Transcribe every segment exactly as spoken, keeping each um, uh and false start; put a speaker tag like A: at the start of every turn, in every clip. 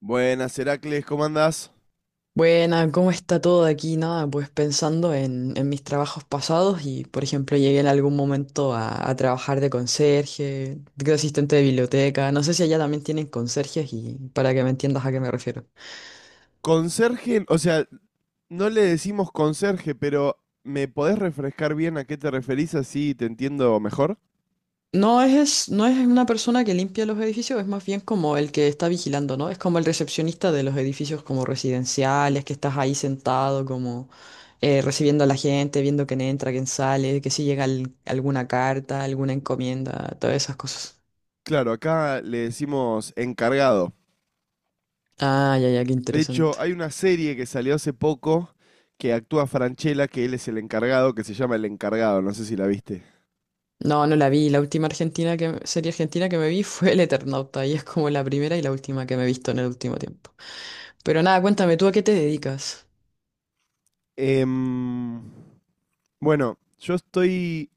A: Buenas, Heracles, ¿cómo andás?
B: Buena, ¿cómo está todo aquí? Nada, pues pensando en, en mis trabajos pasados y, por ejemplo, llegué en algún momento a, a trabajar de conserje, de asistente de biblioteca. No sé si allá también tienen conserjes y para que me entiendas a qué me refiero.
A: Conserje, o sea, no le decimos conserje, pero ¿me podés refrescar bien a qué te referís así te entiendo mejor?
B: No es, no es una persona que limpia los edificios, es más bien como el que está vigilando, ¿no? Es como el recepcionista de los edificios como residenciales, que estás ahí sentado como eh, recibiendo a la gente, viendo quién entra, quién sale, que si llega al- alguna carta, alguna encomienda, todas esas cosas.
A: Claro, acá le decimos encargado.
B: Ah, ya, ya, qué
A: De hecho,
B: interesante.
A: hay una serie que salió hace poco que actúa Franchella, que él es el encargado, que se llama El Encargado, no sé si la viste.
B: No, no la vi. La última Argentina que, serie argentina que me vi fue El Eternauta y es como la primera y la última que me he visto en el último tiempo. Pero nada, cuéntame, ¿tú a qué te dedicas?
A: Em, bueno, yo estoy,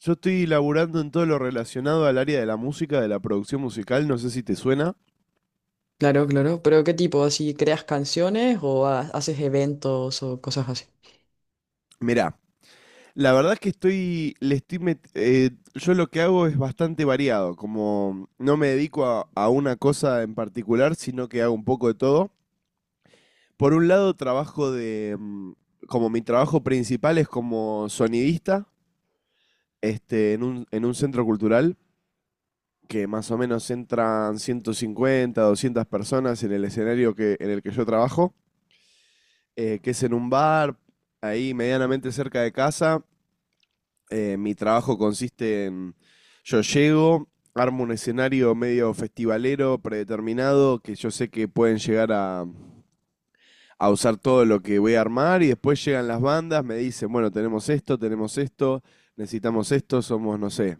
A: yo estoy laburando en todo lo relacionado al área de la música, de la producción musical, no sé si te suena.
B: Claro, claro. ¿Pero qué tipo? ¿Así creas canciones o ha- haces eventos o cosas así?
A: Mirá, la verdad es que estoy, le estoy met- eh, yo lo que hago es bastante variado, como no me dedico a, a una cosa en particular, sino que hago un poco de todo. Por un lado, trabajo de, mm, como mi trabajo principal es como sonidista, este, en un, en un centro cultural, que más o menos entran ciento cincuenta, doscientas personas en el escenario que, en el que yo trabajo, eh, que es en un bar, ahí medianamente cerca de casa. Eh, mi trabajo consiste en, yo llego, armo un escenario medio festivalero, predeterminado, que yo sé que pueden llegar a, a usar todo lo que voy a armar. Y después llegan las bandas, me dicen, bueno, tenemos esto, tenemos esto, necesitamos esto, somos, no sé,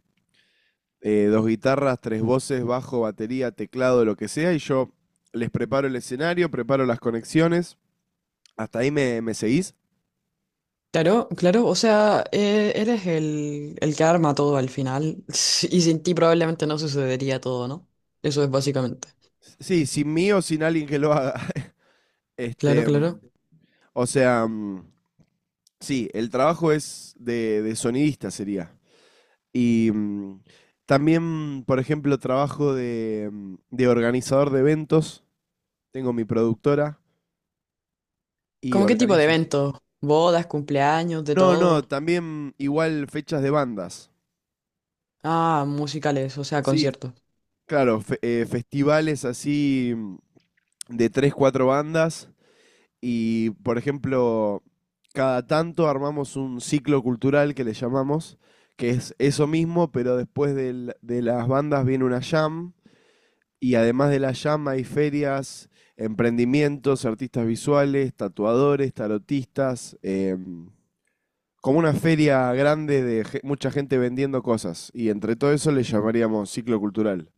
A: eh, dos guitarras, tres voces, bajo, batería, teclado, lo que sea, y yo les preparo el escenario, preparo las conexiones. ¿Hasta ahí me, me seguís?
B: Claro, claro. O sea, eh, eres el, el que arma todo al final y sin ti probablemente no sucedería todo, ¿no? Eso es básicamente.
A: Sí, sin mí o sin alguien que lo haga.
B: Claro,
A: Este,
B: claro.
A: o sea, mm, sí, el trabajo es de, de sonidista sería. Y mm, también, por ejemplo, trabajo de, mm, de organizador de eventos. Tengo mi productora y
B: ¿Cómo qué tipo de
A: organizo.
B: eventos? ¿Bodas, cumpleaños, de
A: No, no,
B: todo?
A: también igual fechas de bandas.
B: Ah, musicales, o sea,
A: Sí,
B: conciertos.
A: claro, fe- eh, festivales así, mm, de tres, cuatro bandas. Y, por ejemplo, cada tanto armamos un ciclo cultural que le llamamos, que es eso mismo, pero después del- de las bandas viene una jam. Y además de la llama, hay ferias, emprendimientos, artistas visuales, tatuadores, tarotistas. Eh, como una feria grande de ge- mucha gente vendiendo cosas. Y entre todo eso le llamaríamos ciclo cultural.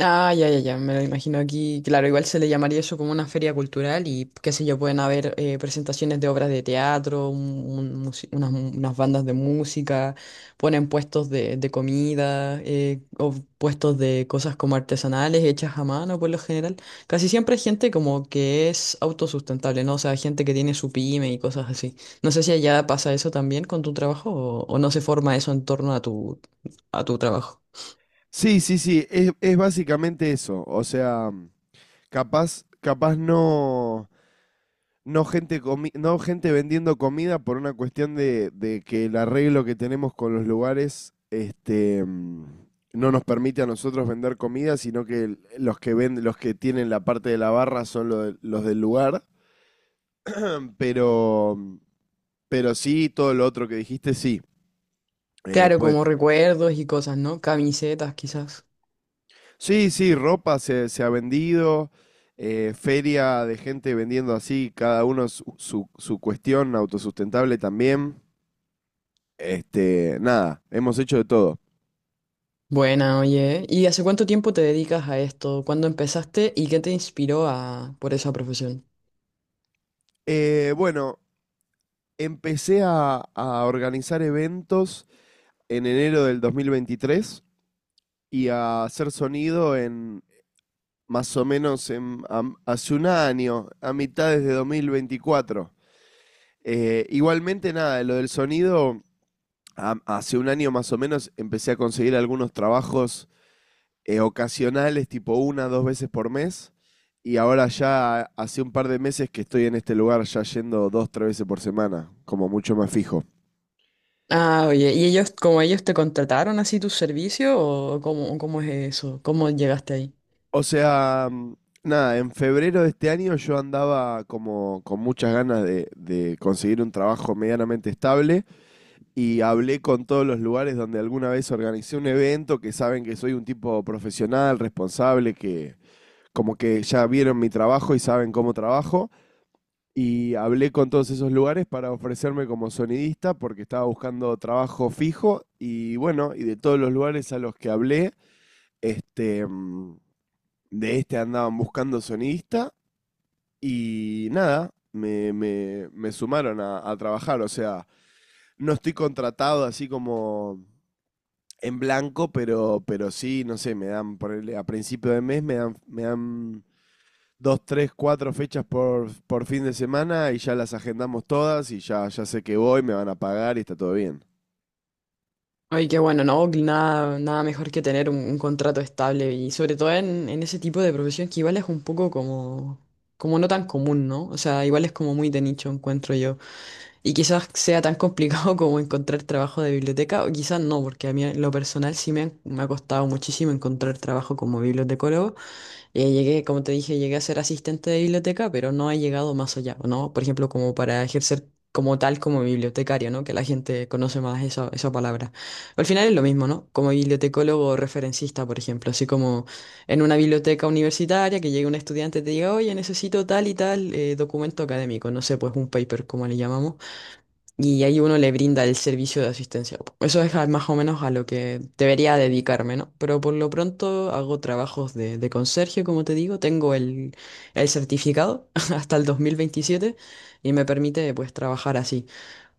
B: Ah, ya, ya, ya, me lo imagino aquí. Claro, igual se le llamaría eso como una feria cultural y qué sé yo, pueden haber eh, presentaciones de obras de teatro, un- un musi- unas, unas bandas de música, ponen puestos de, de comida eh, o puestos de cosas como artesanales hechas a mano por lo general. Casi siempre hay gente como que es autosustentable, ¿no? O sea, gente que tiene su pyme y cosas así. No sé si allá pasa eso también con tu trabajo o, o no se forma eso en torno a tu, a tu trabajo.
A: Sí, sí, sí, es, es básicamente eso. O sea, capaz, capaz no. No gente, comi- no gente vendiendo comida por una cuestión de, de que el arreglo que tenemos con los lugares, este, mm, no nos permite a nosotros vender comida, sino que el- los que venden, los que tienen la parte de la barra son lo de- los del lugar. Pero, pero sí, todo lo otro que dijiste, sí. Eh,
B: Claro,
A: pues,
B: como recuerdos y cosas, ¿no? Camisetas, quizás.
A: sí, sí, ropa se, se ha vendido, eh, feria de gente vendiendo así, cada uno su, su, su cuestión autosustentable también. Este, nada, hemos hecho de todo.
B: Buena, oye. ¿Y hace cuánto tiempo te dedicas a esto? ¿Cuándo empezaste y qué te inspiró a por esa profesión?
A: Eh, bueno, empecé a, a organizar eventos en enero del dos mil veintitrés, y a hacer sonido en más o menos en, am- hace un año, a mitades de dos mil veinticuatro. Eh, igualmente, nada, lo del sonido, a- hace un año más o menos empecé a conseguir algunos trabajos, eh, ocasionales, tipo una, dos veces por mes. Y ahora ya hace un par de meses que estoy en este lugar, ya yendo dos, tres veces por semana, como mucho más fijo.
B: Ah, oye, ¿y ellos, como ellos te contrataron así tu servicio o cómo, cómo es eso? ¿Cómo llegaste ahí?
A: O sea, mm, nada, en febrero de este año yo andaba como con muchas ganas de, de conseguir un trabajo medianamente estable, y hablé con todos los lugares donde alguna vez organicé un evento, que saben que soy un tipo profesional, responsable, que como que ya vieron mi trabajo y saben cómo trabajo. Y hablé con todos esos lugares para ofrecerme como sonidista porque estaba buscando trabajo fijo. Y bueno, y de todos los lugares a los que hablé, este, mm, de este andaban buscando sonidista, y nada, me, me, me sumaron a, a trabajar. O sea, no estoy contratado así como en blanco, pero, pero sí, no sé, me dan, ponerle, a principio de mes me dan, me dan dos, tres, cuatro fechas por, por fin de semana, y ya las agendamos todas, y ya, ya sé que voy, me van a pagar y está todo bien.
B: Oye, qué bueno, no, nada, nada mejor que tener un, un contrato estable y sobre todo en, en ese tipo de profesión que igual es un poco como, como no tan común, ¿no? O sea, igual es como muy de nicho, encuentro yo. Y quizás sea tan complicado como encontrar trabajo de biblioteca, o quizás no, porque a mí en lo personal sí me, han- me ha costado muchísimo encontrar trabajo como bibliotecólogo. Eh, llegué, como te dije, llegué a ser asistente de biblioteca, pero no he llegado más allá, ¿no? Por ejemplo, como para ejercer como tal como bibliotecario, ¿no? Que la gente conoce más esa, esa palabra. Al final es lo mismo, ¿no? Como bibliotecólogo o referencista, por ejemplo, así como en una biblioteca universitaria que llegue un estudiante y te diga, oye, necesito tal y tal eh, documento académico, no sé, pues un paper, como le llamamos y ahí uno le brinda el servicio de asistencia. Eso es a- más o menos a lo que debería dedicarme, ¿no? Pero por lo pronto hago trabajos de, de conserje, como te digo, tengo el, el certificado hasta el dos mil veintisiete y me permite pues trabajar así.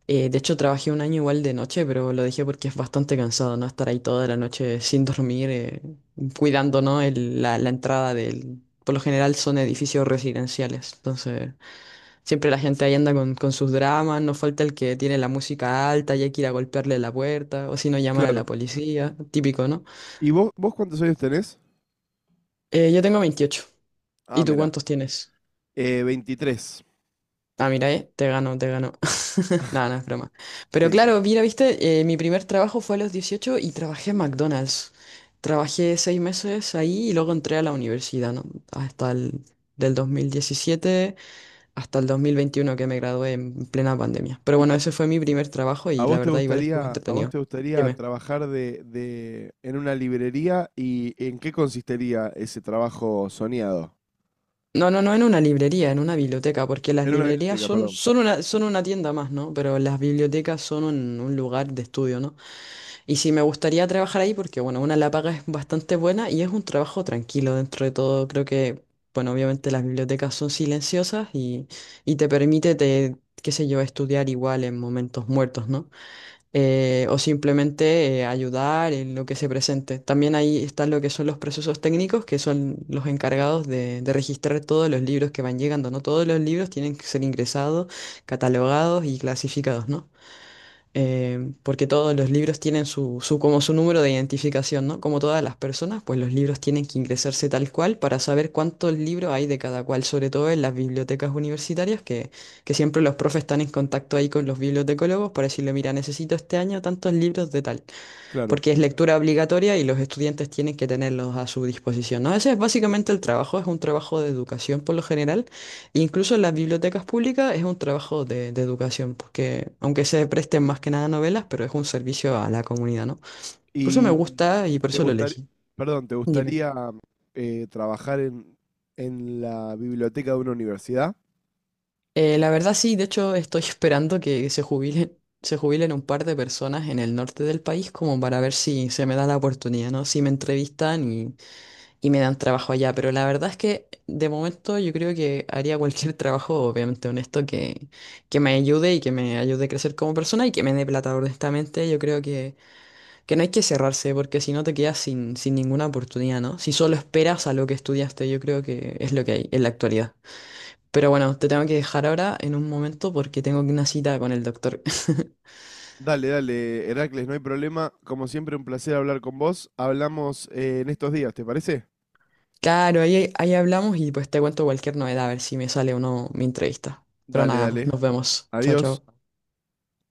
B: Eh, de hecho, trabajé un año igual de noche, pero lo dejé porque es bastante cansado, ¿no? Estar ahí toda la noche sin dormir, eh, cuidando, ¿no? el- la, la entrada del... Por lo general son edificios residenciales, entonces... Siempre la gente ahí anda con, con sus dramas, no falta el que tiene la música alta y hay que ir a golpearle la puerta, o si no, llamar a
A: Claro.
B: la policía, típico, ¿no?
A: ¿Y vos, vos cuántos años tenés?
B: Eh, yo tengo veintiocho. ¿Y
A: Ah,
B: tú
A: mirá.
B: cuántos tienes?
A: Eh, veintitrés.
B: Ah, mira, eh, te gano, te gano. Nada, no, no, es broma. Pero
A: Sí, sí.
B: claro, mira, viste, eh, mi primer trabajo fue a los dieciocho y trabajé en McDonald's. Trabajé seis meses ahí y luego entré a la universidad, ¿no? Hasta el Del dos mil diecisiete hasta el dos mil veintiuno que me gradué en plena pandemia. Pero
A: ¿Y
B: bueno,
A: a
B: ese fue mi primer trabajo
A: a
B: y la
A: vos te
B: verdad igual estuvo
A: gustaría, a vos
B: entretenido.
A: te gustaría
B: Dime.
A: trabajar de, de, en una librería, y en qué consistiría ese trabajo soñado?
B: No, no, no en una librería, en una biblioteca, porque las
A: En una
B: librerías
A: biblioteca,
B: son,
A: perdón.
B: son una, son una tienda más, ¿no? Pero las bibliotecas son un, un lugar de estudio, ¿no? Y sí, me gustaría trabajar ahí porque, bueno, una la paga es bastante buena y es un trabajo tranquilo dentro de todo. Creo que, bueno, obviamente las bibliotecas son silenciosas y, y te permite, te, qué sé yo, estudiar igual en momentos muertos, ¿no? Eh, o simplemente eh, ayudar en lo que se presente. También ahí están lo que son los procesos técnicos, que son los encargados de, de registrar todos los libros que van llegando, ¿no? Todos los libros tienen que ser ingresados, catalogados y clasificados, ¿no? Eh, porque todos los libros tienen su, su, como su número de identificación, ¿no? Como todas las personas, pues los libros tienen que ingresarse tal cual para saber cuántos libros hay de cada cual, sobre todo en las bibliotecas universitarias, que, que siempre los profes están en contacto ahí con los bibliotecólogos para decirle, mira, necesito este año tantos libros de tal
A: Claro.
B: porque es lectura obligatoria y los estudiantes tienen que tenerlos a su disposición, ¿no? Ese es básicamente el trabajo, es un trabajo de educación por lo general, e incluso en las bibliotecas públicas es un trabajo de, de educación, porque aunque se presten más que nada novelas, pero es un servicio a la comunidad, ¿no? Por eso me
A: ¿Y
B: gusta y por
A: te
B: eso lo
A: gustaría,
B: elegí.
A: perdón, te
B: Dime.
A: gustaría eh, trabajar en, en la biblioteca de una universidad?
B: Eh, la verdad sí, de hecho estoy esperando que se jubilen, se jubilen un par de personas en el norte del país como para ver si se me da la oportunidad, ¿no? Si me entrevistan y y me dan trabajo allá, pero la verdad es que de momento yo creo que haría cualquier trabajo, obviamente honesto, que, que me ayude y que me ayude a crecer como persona y que me dé plata, honestamente. Yo creo que, que no hay que cerrarse, porque si no te quedas sin, sin ninguna oportunidad, ¿no? Si solo esperas a lo que estudiaste, yo creo que es lo que hay en la actualidad. Pero bueno, te tengo que dejar ahora en un momento porque tengo una cita con el doctor.
A: Dale, dale, Heracles, no hay problema. Como siempre, un placer hablar con vos. Hablamos, eh, en estos días, ¿te parece?
B: Claro, ahí, ahí hablamos y pues te cuento cualquier novedad, a ver si me sale o no mi entrevista. Pero
A: Dale,
B: nada, pues
A: dale.
B: nos vemos. Chao,
A: Adiós.
B: chao.